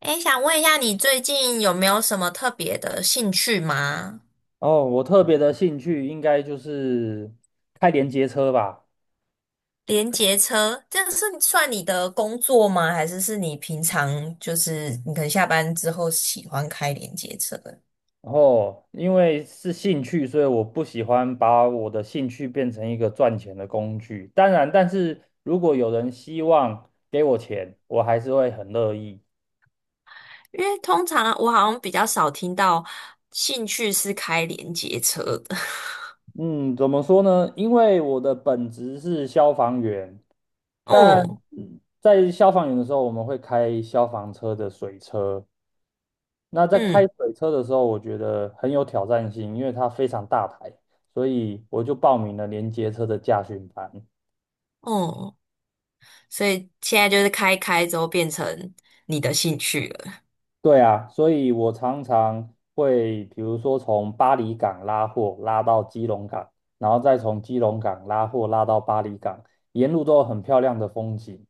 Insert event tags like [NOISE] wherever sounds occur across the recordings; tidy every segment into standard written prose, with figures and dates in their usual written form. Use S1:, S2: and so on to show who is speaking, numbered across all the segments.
S1: 哎，想问一下，你最近有没有什么特别的兴趣吗？
S2: 哦，我特别的兴趣应该就是开连接车吧。
S1: 连结车，这个是算你的工作吗？还是你平常就是你可能下班之后喜欢开连结车的。
S2: 然后因为是兴趣，所以我不喜欢把我的兴趣变成一个赚钱的工具。当然，但是如果有人希望给我钱，我还是会很乐意。
S1: 因为通常我好像比较少听到兴趣是开连接车的。
S2: 嗯，怎么说呢？因为我的本职是消防员，
S1: [LAUGHS]
S2: 但
S1: 嗯
S2: 在消防员的时候，我们会开消防车的水车。那在开
S1: 嗯
S2: 水车的时候，我觉得很有挑战性，因为它非常大台，所以我就报名了连接车的驾训班。
S1: 嗯，所以现在就是开开之后变成你的兴趣了。
S2: 对啊，所以我常常会，比如说从巴黎港拉货拉到基隆港，然后再从基隆港拉货拉到巴黎港，沿路都有很漂亮的风景。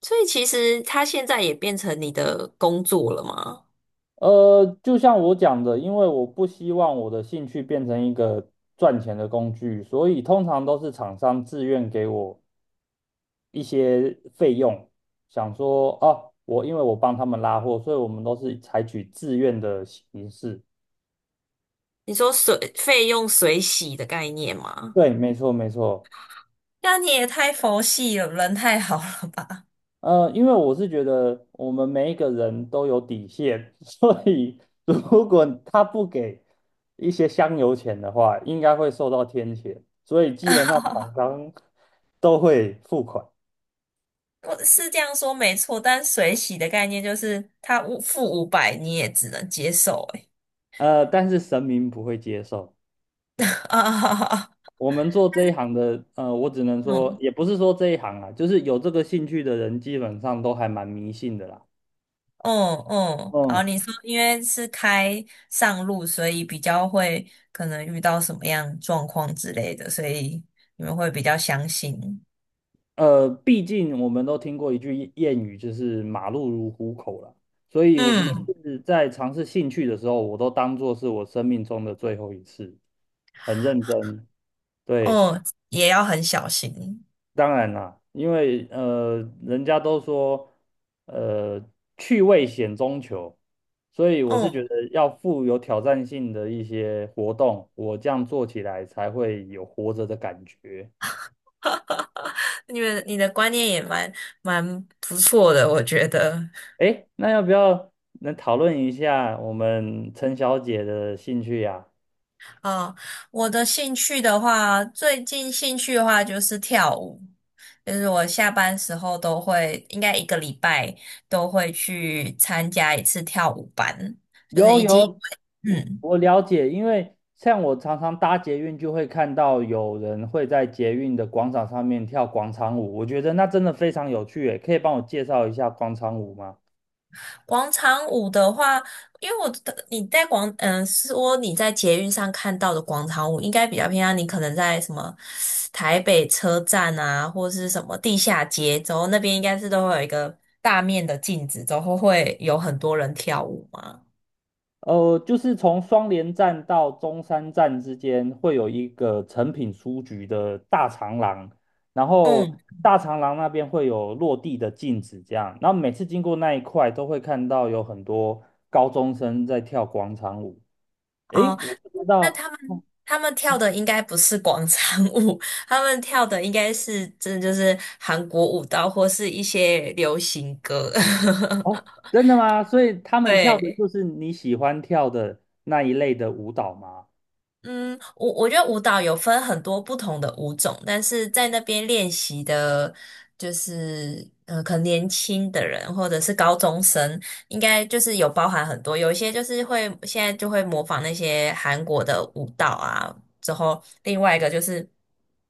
S1: 所以其实它现在也变成你的工作了吗？
S2: 就像我讲的，因为我不希望我的兴趣变成一个赚钱的工具，所以通常都是厂商自愿给我一些费用，想说哦，因为我帮他们拉货，所以我们都是采取自愿的形式。
S1: 你说水费用水洗的概念吗？
S2: 对，没错没错。
S1: 那你也太佛系了，人太好了吧？
S2: 因为我是觉得我们每一个人都有底线，[LAUGHS] 所以如果他不给一些香油钱的话，应该会受到天谴，所以基本上厂商都会付款，
S1: [LAUGHS] 我是这样说没错，但水洗的概念就是他五付500，你也只能接受、欸。
S2: 但是神明不会接受。
S1: [LAUGHS] 啊，
S2: 我们做这一行的，我只能说，
S1: 嗯
S2: 也不是说这一行啊，就是有这个兴趣的人，基本上都还蛮迷信的啦。
S1: 嗯嗯，好，
S2: 嗯，
S1: 你说因为是开上路，所以比较会可能遇到什么样状况之类的，所以你们会比较相信。
S2: 毕竟我们都听过一句谚语，就是"马路如虎口"啦。所以我每
S1: 嗯，
S2: 次在尝试兴趣的时候，我都当做是我生命中的最后一次，很认真。对。
S1: 哦，也要很小心。
S2: 当然啦，因为人家都说呃，趣味险中求，所以我是觉
S1: 嗯。
S2: 得要富有挑战性的一些活动，我这样做起来才会有活着的感觉。
S1: [LAUGHS] 你的观念也蛮不错的，我觉得。
S2: 诶，那要不要能讨论一下我们陈小姐的兴趣呀。
S1: 啊，我的兴趣的话，最近兴趣的话就是跳舞，就是我下班时候都会，应该一个礼拜都会去参加一次跳舞班，就是
S2: 有
S1: 已经，
S2: 有，我
S1: 嗯。
S2: 我了解，因为像我常常搭捷运，就会看到有人会在捷运的广场上面跳广场舞，我觉得那真的非常有趣耶，可以帮我介绍一下广场舞吗？
S1: 广场舞的话，因为我的你在广，嗯、说你在捷运上看到的广场舞，应该比较偏向你可能在什么台北车站啊，或是什么地下街，之后那边应该是都会有一个大面的镜子，然后会有很多人跳舞嘛。
S2: 就是从双连站到中山站之间会有一个成品书局的大长廊，然后
S1: 嗯，
S2: 大长廊那边会有落地的镜子，这样，然后每次经过那一块都会看到有很多高中生在跳广场舞。诶，
S1: 哦，
S2: 我不知
S1: 那
S2: 道。
S1: 他们跳的应该不是广场舞。[LAUGHS] 他们跳的应该是真的就是韩国舞蹈或是一些流行歌。
S2: 哦，真的吗？所以他
S1: [LAUGHS]
S2: 们跳的
S1: 对。
S2: 就是你喜欢跳的那一类的舞蹈吗？
S1: 嗯，我觉得舞蹈有分很多不同的舞种，但是在那边练习的，就是可能年轻的人或者是高中生，应该就是有包含很多，有一些就是会现在就会模仿那些韩国的舞蹈啊，之后另外一个就是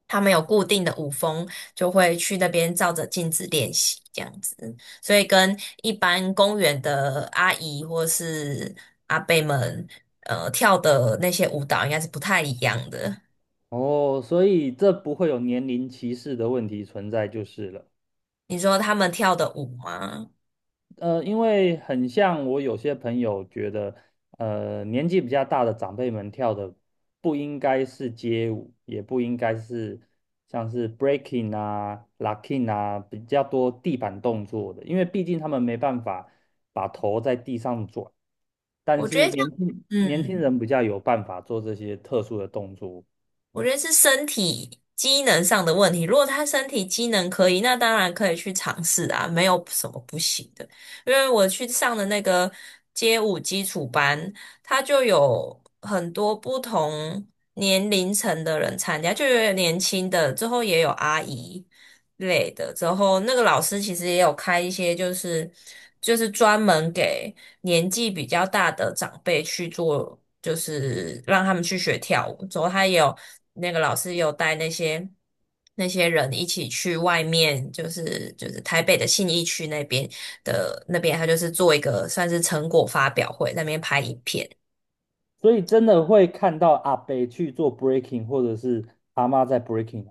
S1: 他们有固定的舞风，就会去那边照着镜子练习这样子。所以跟一般公园的阿姨或是阿伯们，跳的那些舞蹈应该是不太一样的。
S2: 哦，所以这不会有年龄歧视的问题存在就是了。
S1: 你说他们跳的舞吗？
S2: 因为很像我有些朋友觉得，年纪比较大的长辈们跳的不应该是街舞，也不应该是像是 breaking 啊、locking 啊比较多地板动作的，因为毕竟他们没办法把头在地上转，但
S1: 我觉
S2: 是
S1: 得这
S2: 年
S1: 样，
S2: 轻年轻
S1: 嗯。
S2: 人比较有办法做这些特殊的动作，
S1: 我觉得是身体机能上的问题。如果他身体机能可以，那当然可以去尝试啊，没有什么不行的。因为我去上的那个街舞基础班，他就有很多不同年龄层的人参加，就有年轻的，之后也有阿姨，类的。之后那个老师其实也有开一些，就是就是专门给年纪比较大的长辈去做，就是让他们去学跳舞。之后他也有那个老师也有带那些。那些人一起去外面，就是台北的信义区那边的那边，他就是做一个算是成果发表会，在那边拍影片。
S2: 所以真的会看到阿伯去做 breaking，或者是阿妈在 breaking。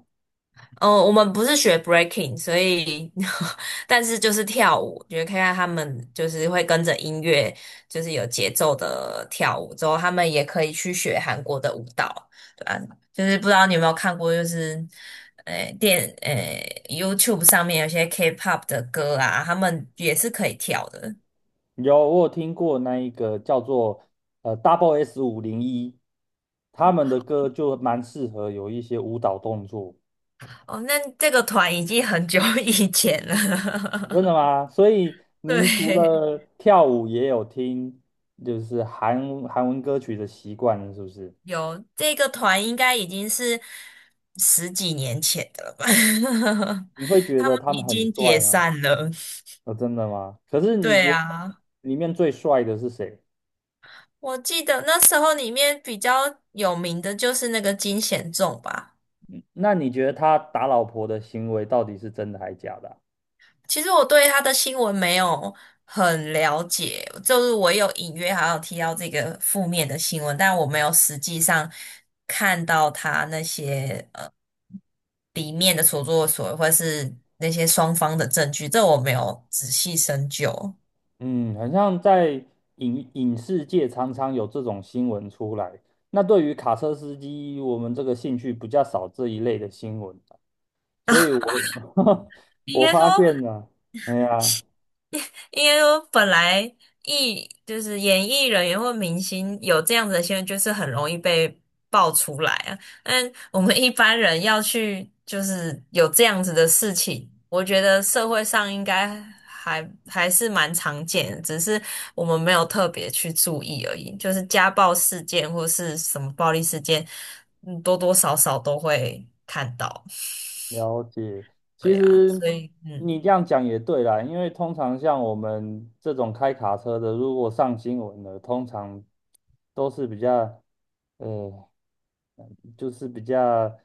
S1: 哦，我们不是学 breaking，所以 [LAUGHS] 但是就是跳舞，觉得看看他们就是会跟着音乐，就是有节奏的跳舞，之后他们也可以去学韩国的舞蹈，对啊，就是不知道你有没有看过，就是呃电呃 YouTube 上面有些 K-pop 的歌啊，他们也是可以跳的。
S2: 有，我有听过那一个叫做Double S 501，他们的歌就蛮适合有一些舞蹈动作。
S1: 哦，那这个团已经很久以前了。
S2: 真的吗？所以
S1: [LAUGHS]
S2: 您除
S1: 对。
S2: 了跳舞，也有听就是韩文歌曲的习惯了，是不是？
S1: 有这个团应该已经是十几年前的了吧？
S2: 你会
S1: [LAUGHS]
S2: 觉
S1: 他
S2: 得
S1: 们
S2: 他们
S1: 已
S2: 很
S1: 经解
S2: 帅吗？
S1: 散了。
S2: 哦，真的吗？可是你
S1: 对
S2: 觉得
S1: 啊，
S2: 里面最帅的是谁？
S1: 我记得那时候里面比较有名的就是那个金贤重吧。
S2: 那你觉得他打老婆的行为到底是真的还假的啊？
S1: 其实我对他的新闻没有很了解，就是我有隐约好像有提到这个负面的新闻，但我没有实际上看到他那些。里面的所作所为，或者是那些双方的证据，这我没有仔细深究。
S2: 嗯，很像在影视界常常有这种新闻出来。那对于卡车司机，我们这个兴趣比较少这一类的新闻，所以我 [LAUGHS]
S1: 应
S2: 我
S1: 该说，
S2: 发现了，哎呀，
S1: 因为我本来就是演艺人员或明星有这样子的新闻，就是很容易被爆出来啊。但我们一般人要去就是有这样子的事情，我觉得社会上应该还是蛮常见的只是我们没有特别去注意而已。就是家暴事件或是什么暴力事件，多多少少都会看到。[LAUGHS]
S2: 了解。其
S1: 对啊，
S2: 实
S1: 所以
S2: 你
S1: 嗯
S2: 这样讲也对啦，因为通常像我们这种开卡车的，如果上新闻的，通常都是比较呃就是比较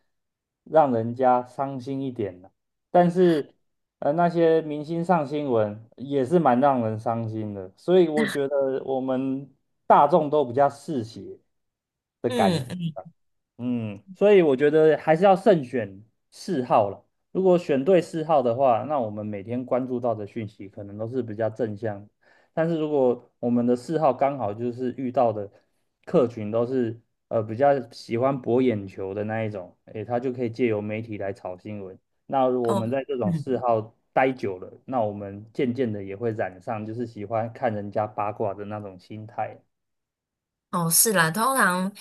S2: 让人家伤心一点的。但是，那些明星上新闻也是蛮让人伤心的，所以我觉得我们大众都比较嗜血。的感
S1: 嗯
S2: 嗯，所以我觉得还是要慎选嗜好了。如果选对嗜好的话，那我们每天关注到的讯息可能都是比较正向的，但是如果我们的嗜好刚好就是遇到的客群都是比较喜欢博眼球的那一种，诶，他就可以借由媒体来炒新闻。那如果我
S1: 哦。
S2: 们在这种嗜
S1: 嗯。
S2: 好待久了，那我们渐渐的也会染上就是喜欢看人家八卦的那种心态。
S1: 哦，是啦，通常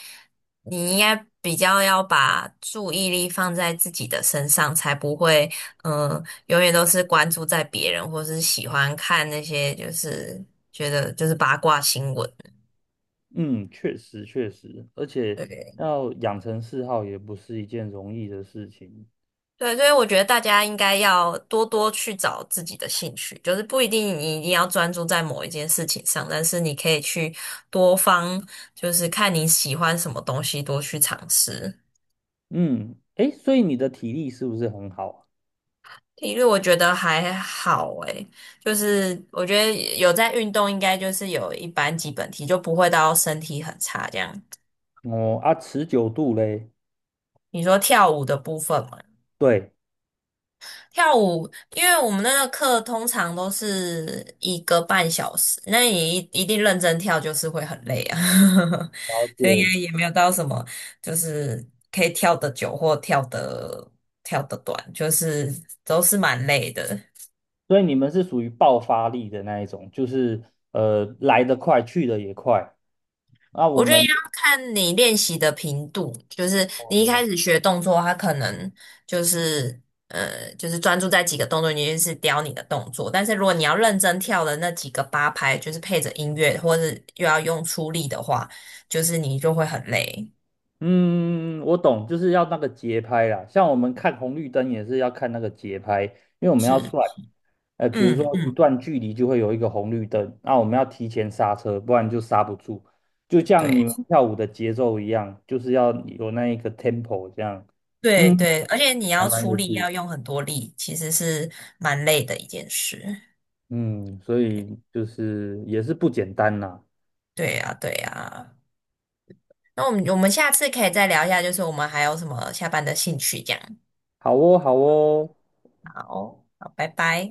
S1: 你应该比较要把注意力放在自己的身上，才不会，永远都是关注在别人，或是喜欢看那些就是觉得就是八卦新闻。
S2: 嗯，确实确实，而且
S1: 对
S2: 要养成嗜好也不是一件容易的事情。
S1: 对，所以我觉得大家应该要多多去找自己的兴趣，就是不一定你一定要专注在某一件事情上，但是你可以去多方，就是看你喜欢什么东西，多去尝试。
S2: 嗯，诶，所以你的体力是不是很好啊？
S1: 体育我觉得还好诶，就是我觉得有在运动，应该就是有一般基本体，就不会到身体很差这样。
S2: 哦啊，持久度嘞？
S1: 你说跳舞的部分嘛，
S2: 对，
S1: 跳舞，因为我们那个课通常都是一个半小时，那你一定认真跳就是会很累啊。
S2: 了
S1: [LAUGHS] 所以应
S2: 解。
S1: 该也没有到什么就是可以跳得久或跳得短，就是都是蛮累的。
S2: 所以你们是属于爆发力的那一种，就是来得快，去得也快。那我
S1: 我觉得要
S2: 们
S1: 看你练习的频度，就是你一开
S2: 哦，
S1: 始学动作，它可能就是就是专注在几个动作，你就是雕你的动作。但是如果你要认真跳的那几个八拍，就是配着音乐，或是又要用出力的话，就是你就会很累。
S2: 嗯，我懂，就是要那个节拍啦。像我们看红绿灯也是要看那个节拍，因为我们要
S1: 是，
S2: 算，比如
S1: 嗯
S2: 说一
S1: 嗯，
S2: 段距离就会有一个红绿灯，那我们要提前刹车，不然就刹不住。就像你们
S1: 对
S2: 跳舞的节奏一样，就是要有那一个 tempo 这样。
S1: 对
S2: 嗯，
S1: 对，而且你
S2: 还
S1: 要
S2: 蛮
S1: 出
S2: 有
S1: 力，
S2: 趣的。
S1: 要用很多力，其实是蛮累的一件事。
S2: 嗯，所以就是也是不简单啦。
S1: 对呀，对呀。那我们下次可以再聊一下，就是我们还有什么下班的兴趣这样。
S2: 好哦，好哦。
S1: 好，好，拜拜。